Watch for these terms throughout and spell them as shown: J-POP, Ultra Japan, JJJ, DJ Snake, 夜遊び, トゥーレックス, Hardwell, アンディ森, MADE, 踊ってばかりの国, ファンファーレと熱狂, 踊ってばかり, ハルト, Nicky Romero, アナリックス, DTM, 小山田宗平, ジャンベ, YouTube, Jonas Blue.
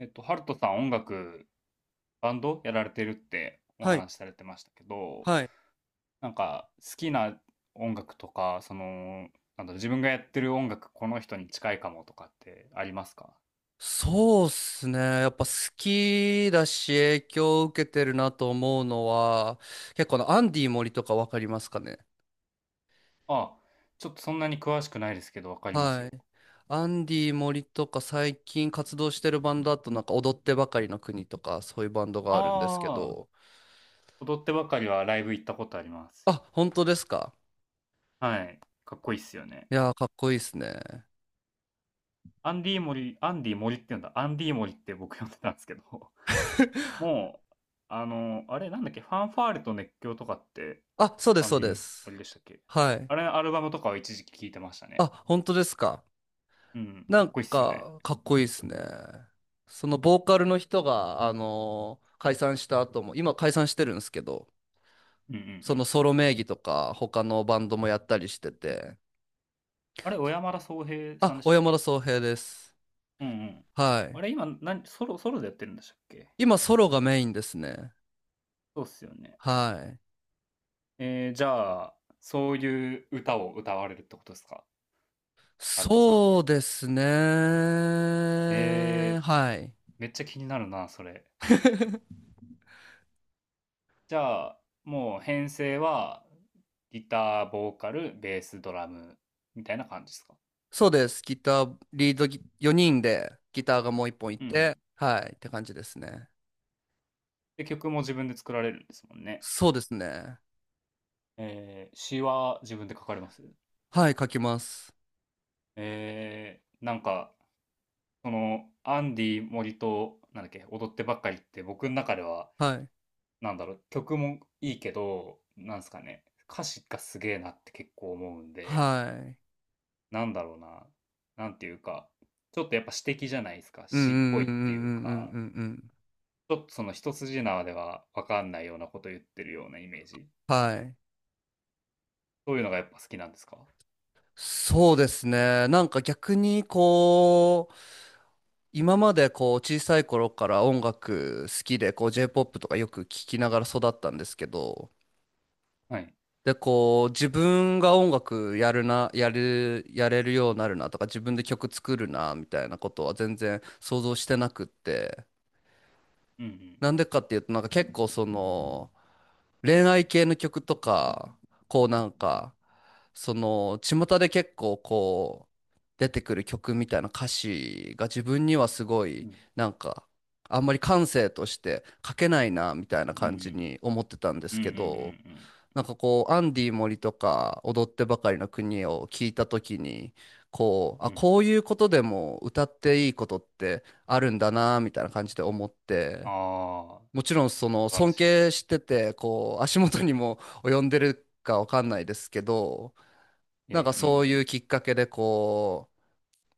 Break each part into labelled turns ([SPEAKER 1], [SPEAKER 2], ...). [SPEAKER 1] ハルトさん音楽、バンドやられてるってお
[SPEAKER 2] はい、
[SPEAKER 1] 話しされてましたけど、
[SPEAKER 2] はい。
[SPEAKER 1] なんか好きな音楽とか、自分がやってる音楽、この人に近いかもとかってありますか？
[SPEAKER 2] そうっすね。やっぱ好きだし影響を受けてるなと思うのは、結構アンディ森とかわかりますかね。
[SPEAKER 1] あ、ちょっとそんなに詳しくないですけど、わかります
[SPEAKER 2] は
[SPEAKER 1] よ。
[SPEAKER 2] い。アンディ森とか最近活動してるバンドだとなんか踊ってばかりの国とかそういうバンドがあるんですけ
[SPEAKER 1] ああ、
[SPEAKER 2] ど。
[SPEAKER 1] 踊ってばかりはライブ行ったことありま
[SPEAKER 2] あ、
[SPEAKER 1] す。
[SPEAKER 2] 本当ですか。
[SPEAKER 1] はい。かっこいいっすよね。
[SPEAKER 2] いやー、かっこいいっすね。
[SPEAKER 1] アンディモリ、アンディモリって言うんだ。アンディモリって僕呼んでたんですけど、もう、あれなんだっけ、ファンファーレと熱狂とかって、
[SPEAKER 2] あ、そうで
[SPEAKER 1] ア
[SPEAKER 2] す、
[SPEAKER 1] ン
[SPEAKER 2] そう
[SPEAKER 1] デ
[SPEAKER 2] で
[SPEAKER 1] ィ
[SPEAKER 2] す。
[SPEAKER 1] 森でしたっけ？
[SPEAKER 2] はい。
[SPEAKER 1] あれ、アルバムとかは一時期聴いてましたね。
[SPEAKER 2] あ、本当ですか。
[SPEAKER 1] うん、
[SPEAKER 2] な
[SPEAKER 1] かっ
[SPEAKER 2] ん
[SPEAKER 1] こいいっすよね。
[SPEAKER 2] か、かっこいいですね。そのボーカルの人が、解散した後も、今解散してるんですけど、
[SPEAKER 1] うんうんう
[SPEAKER 2] その
[SPEAKER 1] ん。
[SPEAKER 2] ソロ名義とか、他のバンドもやったりしてて。
[SPEAKER 1] あれ、小山田宗平
[SPEAKER 2] あ、
[SPEAKER 1] さんでし
[SPEAKER 2] 小
[SPEAKER 1] たっ
[SPEAKER 2] 山田
[SPEAKER 1] け？
[SPEAKER 2] 宗平です。
[SPEAKER 1] うんうん。
[SPEAKER 2] は
[SPEAKER 1] あ
[SPEAKER 2] い。
[SPEAKER 1] れ、今、何、ソロでやってるんでしたっけ？
[SPEAKER 2] 今ソロがメインですね。
[SPEAKER 1] そうっすよね。
[SPEAKER 2] はい。
[SPEAKER 1] えー、じゃあ、そういう歌を歌われるってことですか？アルトさん。
[SPEAKER 2] そうですね。
[SPEAKER 1] えー、
[SPEAKER 2] はい。
[SPEAKER 1] めっちゃ気になるな、それ。じゃあ、もう編成は、ギター、ボーカル、ベース、ドラム、みたいな感じですか？
[SPEAKER 2] そうです。ギター、リードギ、4人でギターがもう1本い
[SPEAKER 1] うんうん。
[SPEAKER 2] て、はい、って感じですね。
[SPEAKER 1] で、曲も自分で作られるんですもんね。
[SPEAKER 2] そうですね。
[SPEAKER 1] えー、詩は自分で書かれます？
[SPEAKER 2] はい、書きます。
[SPEAKER 1] なんか、アンディ森と、なんだっけ、踊ってばっかりって僕の中では、
[SPEAKER 2] はい。
[SPEAKER 1] 曲もいいけど、なんすかね、歌詞がすげえなって結構思うんで、
[SPEAKER 2] はい。
[SPEAKER 1] なんだろうな、なんていうか、ちょっとやっぱ詩的じゃないですか、
[SPEAKER 2] うんう
[SPEAKER 1] 詩っ
[SPEAKER 2] ん
[SPEAKER 1] ぽ
[SPEAKER 2] う
[SPEAKER 1] い
[SPEAKER 2] んう
[SPEAKER 1] っていう
[SPEAKER 2] んうん
[SPEAKER 1] か、
[SPEAKER 2] うんうんうん。
[SPEAKER 1] ちょっとその一筋縄ではわかんないようなこと言ってるようなイメージ。
[SPEAKER 2] はい。
[SPEAKER 1] そういうのがやっぱ好きなんですか？
[SPEAKER 2] そうですね。なんか逆にこう、今までこう小さい頃から音楽好きでこう J-POP とかよく聞きながら育ったんですけど、
[SPEAKER 1] はい。
[SPEAKER 2] でこう自分が音楽やれるようになるなとか自分で曲作るなみたいなことは全然想像してなくって、
[SPEAKER 1] うん
[SPEAKER 2] なんでかっていうとなんか結構その、恋愛系の曲とか、こうなんか、その、巷で結構こう、出てくる曲みたいな歌詞が自分にはすご
[SPEAKER 1] うん。
[SPEAKER 2] い、
[SPEAKER 1] う
[SPEAKER 2] なんか、あんまり感性として書けないな、みたいな
[SPEAKER 1] んうんう
[SPEAKER 2] 感じ
[SPEAKER 1] ん。
[SPEAKER 2] に思ってたんで
[SPEAKER 1] うんう
[SPEAKER 2] す
[SPEAKER 1] ん
[SPEAKER 2] け
[SPEAKER 1] うんう
[SPEAKER 2] ど、
[SPEAKER 1] ん。
[SPEAKER 2] なんかこう、アンディ森とか、踊ってばかりの国を聞いたときに、こう、
[SPEAKER 1] うん
[SPEAKER 2] あ、
[SPEAKER 1] うん、
[SPEAKER 2] こういうことでも歌っていいことってあるんだな、みたいな感じで思って、
[SPEAKER 1] ああ、
[SPEAKER 2] もちろんその
[SPEAKER 1] 素晴ら
[SPEAKER 2] 尊
[SPEAKER 1] しい。
[SPEAKER 2] 敬しててこう足元にも及んでるかわかんないですけど、
[SPEAKER 1] いや
[SPEAKER 2] なん
[SPEAKER 1] い
[SPEAKER 2] か
[SPEAKER 1] や、う
[SPEAKER 2] そ
[SPEAKER 1] ん。
[SPEAKER 2] ういうきっかけでこ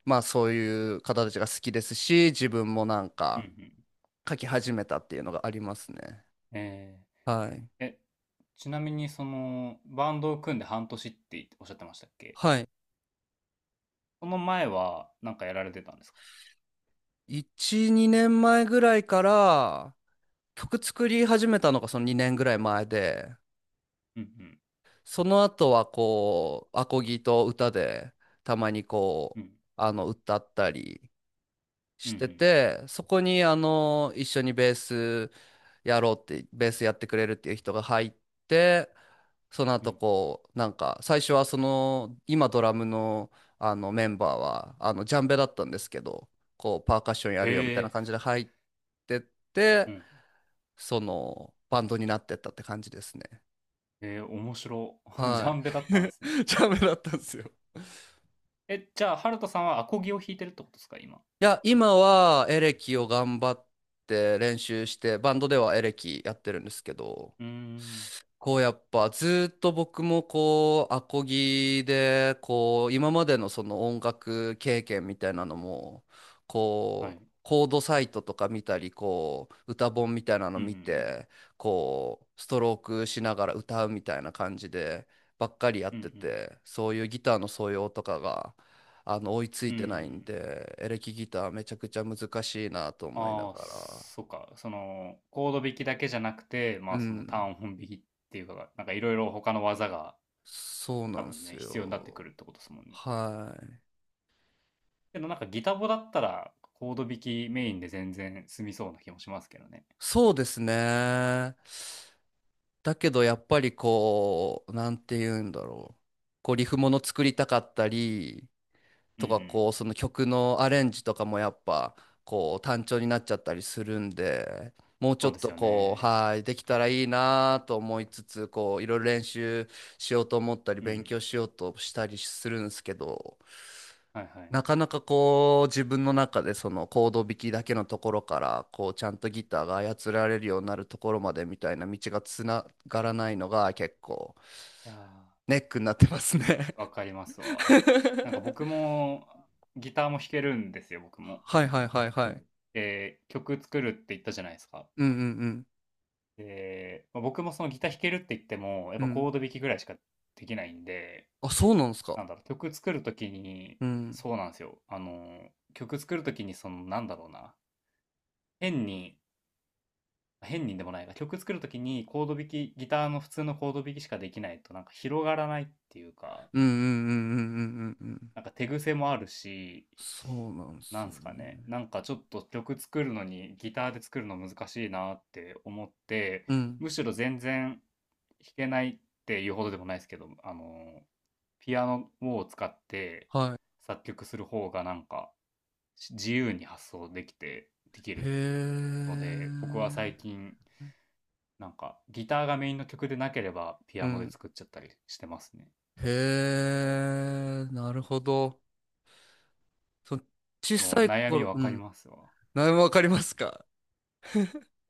[SPEAKER 2] う、まあそういう方たちが好きですし、自分もなん
[SPEAKER 1] うんう
[SPEAKER 2] か
[SPEAKER 1] ん。
[SPEAKER 2] 書き始めたっていうのがありますね。
[SPEAKER 1] え
[SPEAKER 2] はい
[SPEAKER 1] ー、え、ちなみにその、バンドを組んで半年っておっしゃってましたっけ？
[SPEAKER 2] はい、
[SPEAKER 1] その前はなんかやられてたんですか？
[SPEAKER 2] 1、2年前ぐらいから曲作り始めたのがその2年ぐらい前で、
[SPEAKER 1] うんうん。
[SPEAKER 2] その後はこうアコギと歌でたまにこ
[SPEAKER 1] う
[SPEAKER 2] う
[SPEAKER 1] ん。
[SPEAKER 2] 歌ったり
[SPEAKER 1] う
[SPEAKER 2] して
[SPEAKER 1] ん
[SPEAKER 2] て、そこに一緒にベースやろうって、ベースやってくれるっていう人が入って、その
[SPEAKER 1] うん。う
[SPEAKER 2] 後
[SPEAKER 1] ん。
[SPEAKER 2] こう、なんか、最初はその、今ドラムのあのメンバーは、ジャンベだったんですけど、こう、パーカッションやるよみ
[SPEAKER 1] へ
[SPEAKER 2] たいな
[SPEAKER 1] え。
[SPEAKER 2] 感じで入ってっ
[SPEAKER 1] う
[SPEAKER 2] て、
[SPEAKER 1] ん。
[SPEAKER 2] その、バンドになってったって感じですね。
[SPEAKER 1] えー、面白。ジ
[SPEAKER 2] は
[SPEAKER 1] ャンベだ
[SPEAKER 2] い。
[SPEAKER 1] ったんですね。
[SPEAKER 2] ジャンベだったんですよ。
[SPEAKER 1] え、じゃあ、ハルトさんはアコギを弾いてるってことですか今？
[SPEAKER 2] いや、今はエレキを頑張って練習して、バンドではエレキやってるんですけど、
[SPEAKER 1] うーん。
[SPEAKER 2] こうやっぱずっと僕もこうアコギでこう今までのその音楽経験みたいなのも、
[SPEAKER 1] はい。
[SPEAKER 2] こうコードサイトとか見たりこう歌本みたいなの
[SPEAKER 1] うんうん
[SPEAKER 2] 見
[SPEAKER 1] う
[SPEAKER 2] てこうストロークしながら歌うみたいな感じでばっか
[SPEAKER 1] ん。
[SPEAKER 2] りやっ
[SPEAKER 1] うんう
[SPEAKER 2] て
[SPEAKER 1] ん。
[SPEAKER 2] て、そういうギターの素養とかが追いつ
[SPEAKER 1] う
[SPEAKER 2] いてないん
[SPEAKER 1] ん、
[SPEAKER 2] で、エレキギターめちゃくちゃ難しいなと思いな
[SPEAKER 1] ああ、
[SPEAKER 2] がら。
[SPEAKER 1] そっか。その、コード弾きだけじゃなくて、ま
[SPEAKER 2] う
[SPEAKER 1] あその
[SPEAKER 2] ん、
[SPEAKER 1] 単音弾きっていうか、なんかいろいろ他の技が
[SPEAKER 2] そうな
[SPEAKER 1] 多
[SPEAKER 2] んで
[SPEAKER 1] 分
[SPEAKER 2] す
[SPEAKER 1] ね、必要になってく
[SPEAKER 2] よ。
[SPEAKER 1] るってことですもんね。
[SPEAKER 2] はい、
[SPEAKER 1] けどなんかギタボだったら、コード弾きメインで全然済みそうな気もしますけどね。
[SPEAKER 2] そうですね。だけどやっぱりこう、なんて言うんだろう。こうリフもの作りたかったり
[SPEAKER 1] うん
[SPEAKER 2] と
[SPEAKER 1] う
[SPEAKER 2] か、
[SPEAKER 1] ん。
[SPEAKER 2] こうその曲のアレンジとかもやっぱこう単調になっちゃったりするんで、もうちょ
[SPEAKER 1] そう
[SPEAKER 2] っ
[SPEAKER 1] です
[SPEAKER 2] と
[SPEAKER 1] よ
[SPEAKER 2] こう、
[SPEAKER 1] ね。
[SPEAKER 2] はい、できたらいいなと思いつつ、こういろいろ練習しようと思ったり、
[SPEAKER 1] う
[SPEAKER 2] 勉
[SPEAKER 1] ん。
[SPEAKER 2] 強しようとしたりするんですけど、
[SPEAKER 1] はいはい。
[SPEAKER 2] なかなかこう自分の中でそのコード弾きだけのところからこうちゃんとギターが操られるようになるところまでみたいな道がつながらないのが結構
[SPEAKER 1] いやー、
[SPEAKER 2] ネックになってますね。
[SPEAKER 1] わかりますわ。なんか僕も、ギターも弾けるんですよ、僕も。
[SPEAKER 2] はいはいはいはい。
[SPEAKER 1] で、曲作るって言ったじゃないですか。
[SPEAKER 2] うんうん
[SPEAKER 1] で、まあ、僕もそのギター弾けるって言っても、やっ
[SPEAKER 2] うん
[SPEAKER 1] ぱ
[SPEAKER 2] うん。
[SPEAKER 1] コード弾きぐらいしかできないんで、
[SPEAKER 2] あ、そうなんですか。
[SPEAKER 1] なんだろう、曲作るときに、
[SPEAKER 2] うん。
[SPEAKER 1] そうなんですよ。曲作るときに、なんだろうな、変に、変にでもないな、曲作るときにコード弾き、ギターの普通のコード弾きしかできないと、なんか広がらないっていうか、
[SPEAKER 2] うんうんうんうんうんうんうん。
[SPEAKER 1] なんか手癖もあるし、
[SPEAKER 2] そうなんです
[SPEAKER 1] な
[SPEAKER 2] よ
[SPEAKER 1] んすかね、
[SPEAKER 2] ね。
[SPEAKER 1] なんかちょっと曲作るのに、ギターで作るの難しいなって思って、
[SPEAKER 2] うん。
[SPEAKER 1] むしろ全然弾けないっていうほどでもないですけど、ピアノを使って
[SPEAKER 2] はい。
[SPEAKER 1] 作曲する方がなんか自由に発想できて、でき
[SPEAKER 2] へ
[SPEAKER 1] る
[SPEAKER 2] え。
[SPEAKER 1] ので、僕は最近なんかギターがメインの曲でなければピ
[SPEAKER 2] う
[SPEAKER 1] アノで
[SPEAKER 2] ん。
[SPEAKER 1] 作っちゃったりしてますね。
[SPEAKER 2] へえ。なるほど。その小
[SPEAKER 1] で
[SPEAKER 2] さ
[SPEAKER 1] も
[SPEAKER 2] い
[SPEAKER 1] 悩み
[SPEAKER 2] 頃、
[SPEAKER 1] わ
[SPEAKER 2] う
[SPEAKER 1] かり
[SPEAKER 2] ん。
[SPEAKER 1] ますわ。
[SPEAKER 2] 何もわかりますか。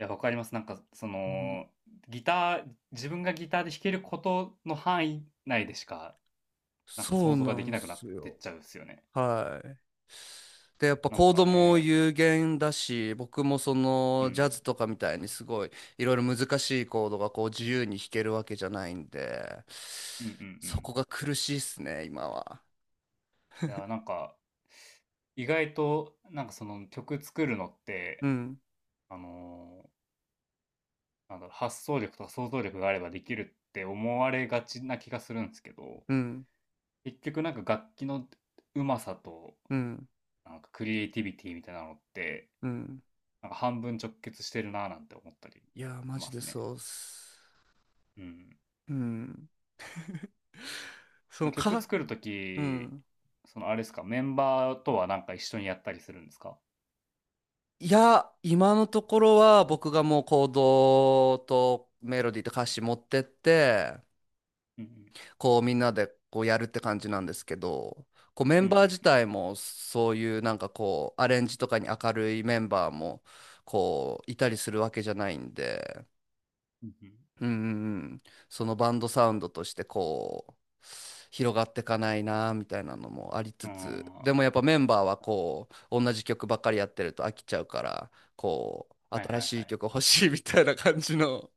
[SPEAKER 1] いや、わかります。なんかそ
[SPEAKER 2] うん、
[SPEAKER 1] の、ギター、自分がギターで弾けることの範囲内でしかなんか
[SPEAKER 2] そ
[SPEAKER 1] 想
[SPEAKER 2] う
[SPEAKER 1] 像が
[SPEAKER 2] な
[SPEAKER 1] でき
[SPEAKER 2] んで
[SPEAKER 1] なくなっ
[SPEAKER 2] す
[SPEAKER 1] てっ
[SPEAKER 2] よ。
[SPEAKER 1] ちゃうっすよね。
[SPEAKER 2] はい。で、やっぱ
[SPEAKER 1] なん
[SPEAKER 2] コー
[SPEAKER 1] か
[SPEAKER 2] ドも
[SPEAKER 1] ね、
[SPEAKER 2] 有限だし、僕もそ
[SPEAKER 1] う
[SPEAKER 2] のジャ
[SPEAKER 1] ん、
[SPEAKER 2] ズとかみたいにすごいいろいろ難しいコードがこう自由に弾けるわけじゃないんで、
[SPEAKER 1] うんうんう
[SPEAKER 2] そ
[SPEAKER 1] ん。
[SPEAKER 2] こが苦しいっすね、今は。
[SPEAKER 1] いやー、なんか、意外と、なんかその曲作るのっ
[SPEAKER 2] う
[SPEAKER 1] て、
[SPEAKER 2] ん、
[SPEAKER 1] あのーなんだろう、発想力とか想像力があればできるって思われがちな気がするんですけど、
[SPEAKER 2] うん、
[SPEAKER 1] 結局なんか楽器のうまさと、
[SPEAKER 2] うん、
[SPEAKER 1] なんかクリエイティビティみたいなのって、
[SPEAKER 2] うん。
[SPEAKER 1] なんか半分直結してるなーなんて思ったりし
[SPEAKER 2] いやー、マジ
[SPEAKER 1] ます
[SPEAKER 2] で
[SPEAKER 1] ね。
[SPEAKER 2] そうっす。
[SPEAKER 1] うん。
[SPEAKER 2] うん。そ
[SPEAKER 1] で
[SPEAKER 2] の
[SPEAKER 1] も曲
[SPEAKER 2] か、
[SPEAKER 1] 作ると
[SPEAKER 2] う
[SPEAKER 1] き、
[SPEAKER 2] ん。
[SPEAKER 1] そのあれですか、メンバーとはなんか一緒にやったりするんですか？
[SPEAKER 2] いや、今のところは僕がもうコードとメロディーと歌詞持ってって、
[SPEAKER 1] うん
[SPEAKER 2] こうみんなでこうやるって感じなんですけど、こうメ
[SPEAKER 1] う
[SPEAKER 2] ン
[SPEAKER 1] ん。うんう
[SPEAKER 2] バー
[SPEAKER 1] ん。
[SPEAKER 2] 自体もそういうなんかこうアレンジとかに明るいメンバーもこういたりするわけじゃないんで、
[SPEAKER 1] うん
[SPEAKER 2] うんうんうん、そのバンドサウンドとしてこう広がってかないなみたいなのもあり
[SPEAKER 1] う
[SPEAKER 2] つ
[SPEAKER 1] ん。
[SPEAKER 2] つ、
[SPEAKER 1] ん。
[SPEAKER 2] で
[SPEAKER 1] は
[SPEAKER 2] もやっぱメンバーはこう同じ曲ばっかりやってると飽きちゃうから、こう
[SPEAKER 1] いはい
[SPEAKER 2] 新
[SPEAKER 1] は
[SPEAKER 2] しい
[SPEAKER 1] い。
[SPEAKER 2] 曲欲しいみたいな感じの。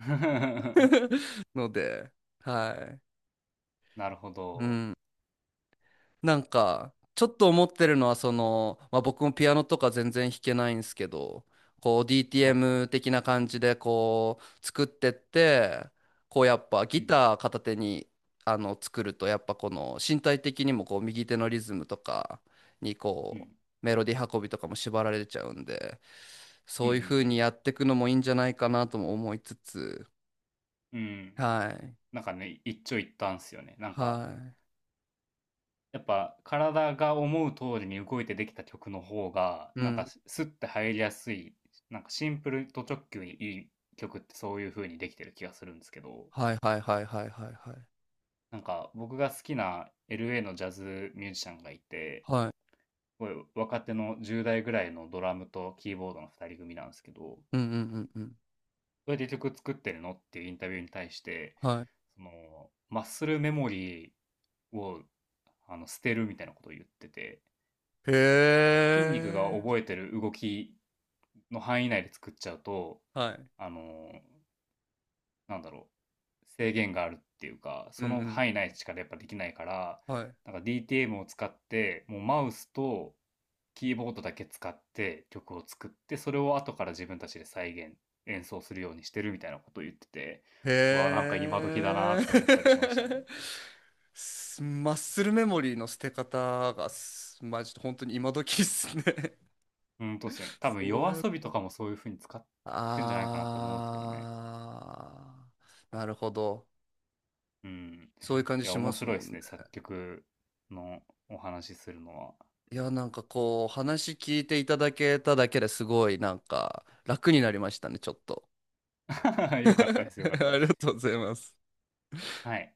[SPEAKER 2] ので、はい、
[SPEAKER 1] なるほ
[SPEAKER 2] う
[SPEAKER 1] ど。
[SPEAKER 2] ん。なんか、ちょっと思ってるのは、その、まあ、僕もピアノとか全然弾けないんですけど、こう
[SPEAKER 1] はいはい。
[SPEAKER 2] DTM 的な感じでこう作ってって、こうやっぱ
[SPEAKER 1] う
[SPEAKER 2] ギ
[SPEAKER 1] ん。
[SPEAKER 2] ター片手に作ると、やっぱこの身体的にもこう右手のリズムとかに
[SPEAKER 1] う
[SPEAKER 2] こ
[SPEAKER 1] ん。
[SPEAKER 2] うメロディー運びとかも縛られちゃうんで、
[SPEAKER 1] うん
[SPEAKER 2] そ
[SPEAKER 1] う
[SPEAKER 2] ういう風に
[SPEAKER 1] ん
[SPEAKER 2] やっていくのもいいんじゃないかなとも思いつつ、
[SPEAKER 1] うん。うん。
[SPEAKER 2] はい。
[SPEAKER 1] なんかね、一長一短っすよね。なんか、
[SPEAKER 2] は
[SPEAKER 1] やっぱ体が思う通りに動いてできた曲の方が、
[SPEAKER 2] い。う
[SPEAKER 1] なん
[SPEAKER 2] ん。
[SPEAKER 1] かスッて入りやすい、なんかシンプルと直球にいい曲ってそういう風にできてる気がするんですけど、
[SPEAKER 2] はいはいはいはいはいはい。
[SPEAKER 1] なんか僕が好きな LA のジャズミュージシャンがいて、
[SPEAKER 2] はい。
[SPEAKER 1] すごい若手の10代ぐらいのドラムとキーボードの2人組なんですけど、
[SPEAKER 2] うんうんうんうん。
[SPEAKER 1] どうやって曲作ってるのっていうインタビューに対して、
[SPEAKER 2] は
[SPEAKER 1] その、マッスルメモリーを捨てるみたいなことを言ってて、
[SPEAKER 2] い。へ
[SPEAKER 1] あの筋肉が
[SPEAKER 2] え。
[SPEAKER 1] 覚えてる動きの範囲内で作っちゃうと、
[SPEAKER 2] はい。
[SPEAKER 1] あの、なんだろ制限があるっていうか、
[SPEAKER 2] う
[SPEAKER 1] その
[SPEAKER 2] ん
[SPEAKER 1] 範囲内しかやっぱできないから、
[SPEAKER 2] うん。はい。
[SPEAKER 1] なんか DTM を使って、もうマウスとキーボードだけ使って曲を作って、それを後から自分たちで再現、演奏するようにしてるみたいなことを言ってて、うわ、なんか
[SPEAKER 2] へ
[SPEAKER 1] 今時だな
[SPEAKER 2] え。
[SPEAKER 1] って思ったりしましたね。
[SPEAKER 2] マッスルメモリーの捨て方がマジで本当に今時っすね。
[SPEAKER 1] うん、とですね。多分夜
[SPEAKER 2] そう
[SPEAKER 1] 遊
[SPEAKER 2] や。
[SPEAKER 1] びとかもそういう風に使ってんじゃないかなと思うんですけどね。
[SPEAKER 2] あー、なるほど。
[SPEAKER 1] うん。
[SPEAKER 2] そういう感じ
[SPEAKER 1] いや、
[SPEAKER 2] しま
[SPEAKER 1] 面
[SPEAKER 2] す
[SPEAKER 1] 白いで
[SPEAKER 2] もん
[SPEAKER 1] す
[SPEAKER 2] ね。
[SPEAKER 1] ね。作曲のお話しするの
[SPEAKER 2] いや、なんかこう、話聞いていただけただけですごい、なんか楽になりましたね、ちょっと。
[SPEAKER 1] は。よかったです。よかった で
[SPEAKER 2] ありが
[SPEAKER 1] す。
[SPEAKER 2] とうございます。
[SPEAKER 1] はい。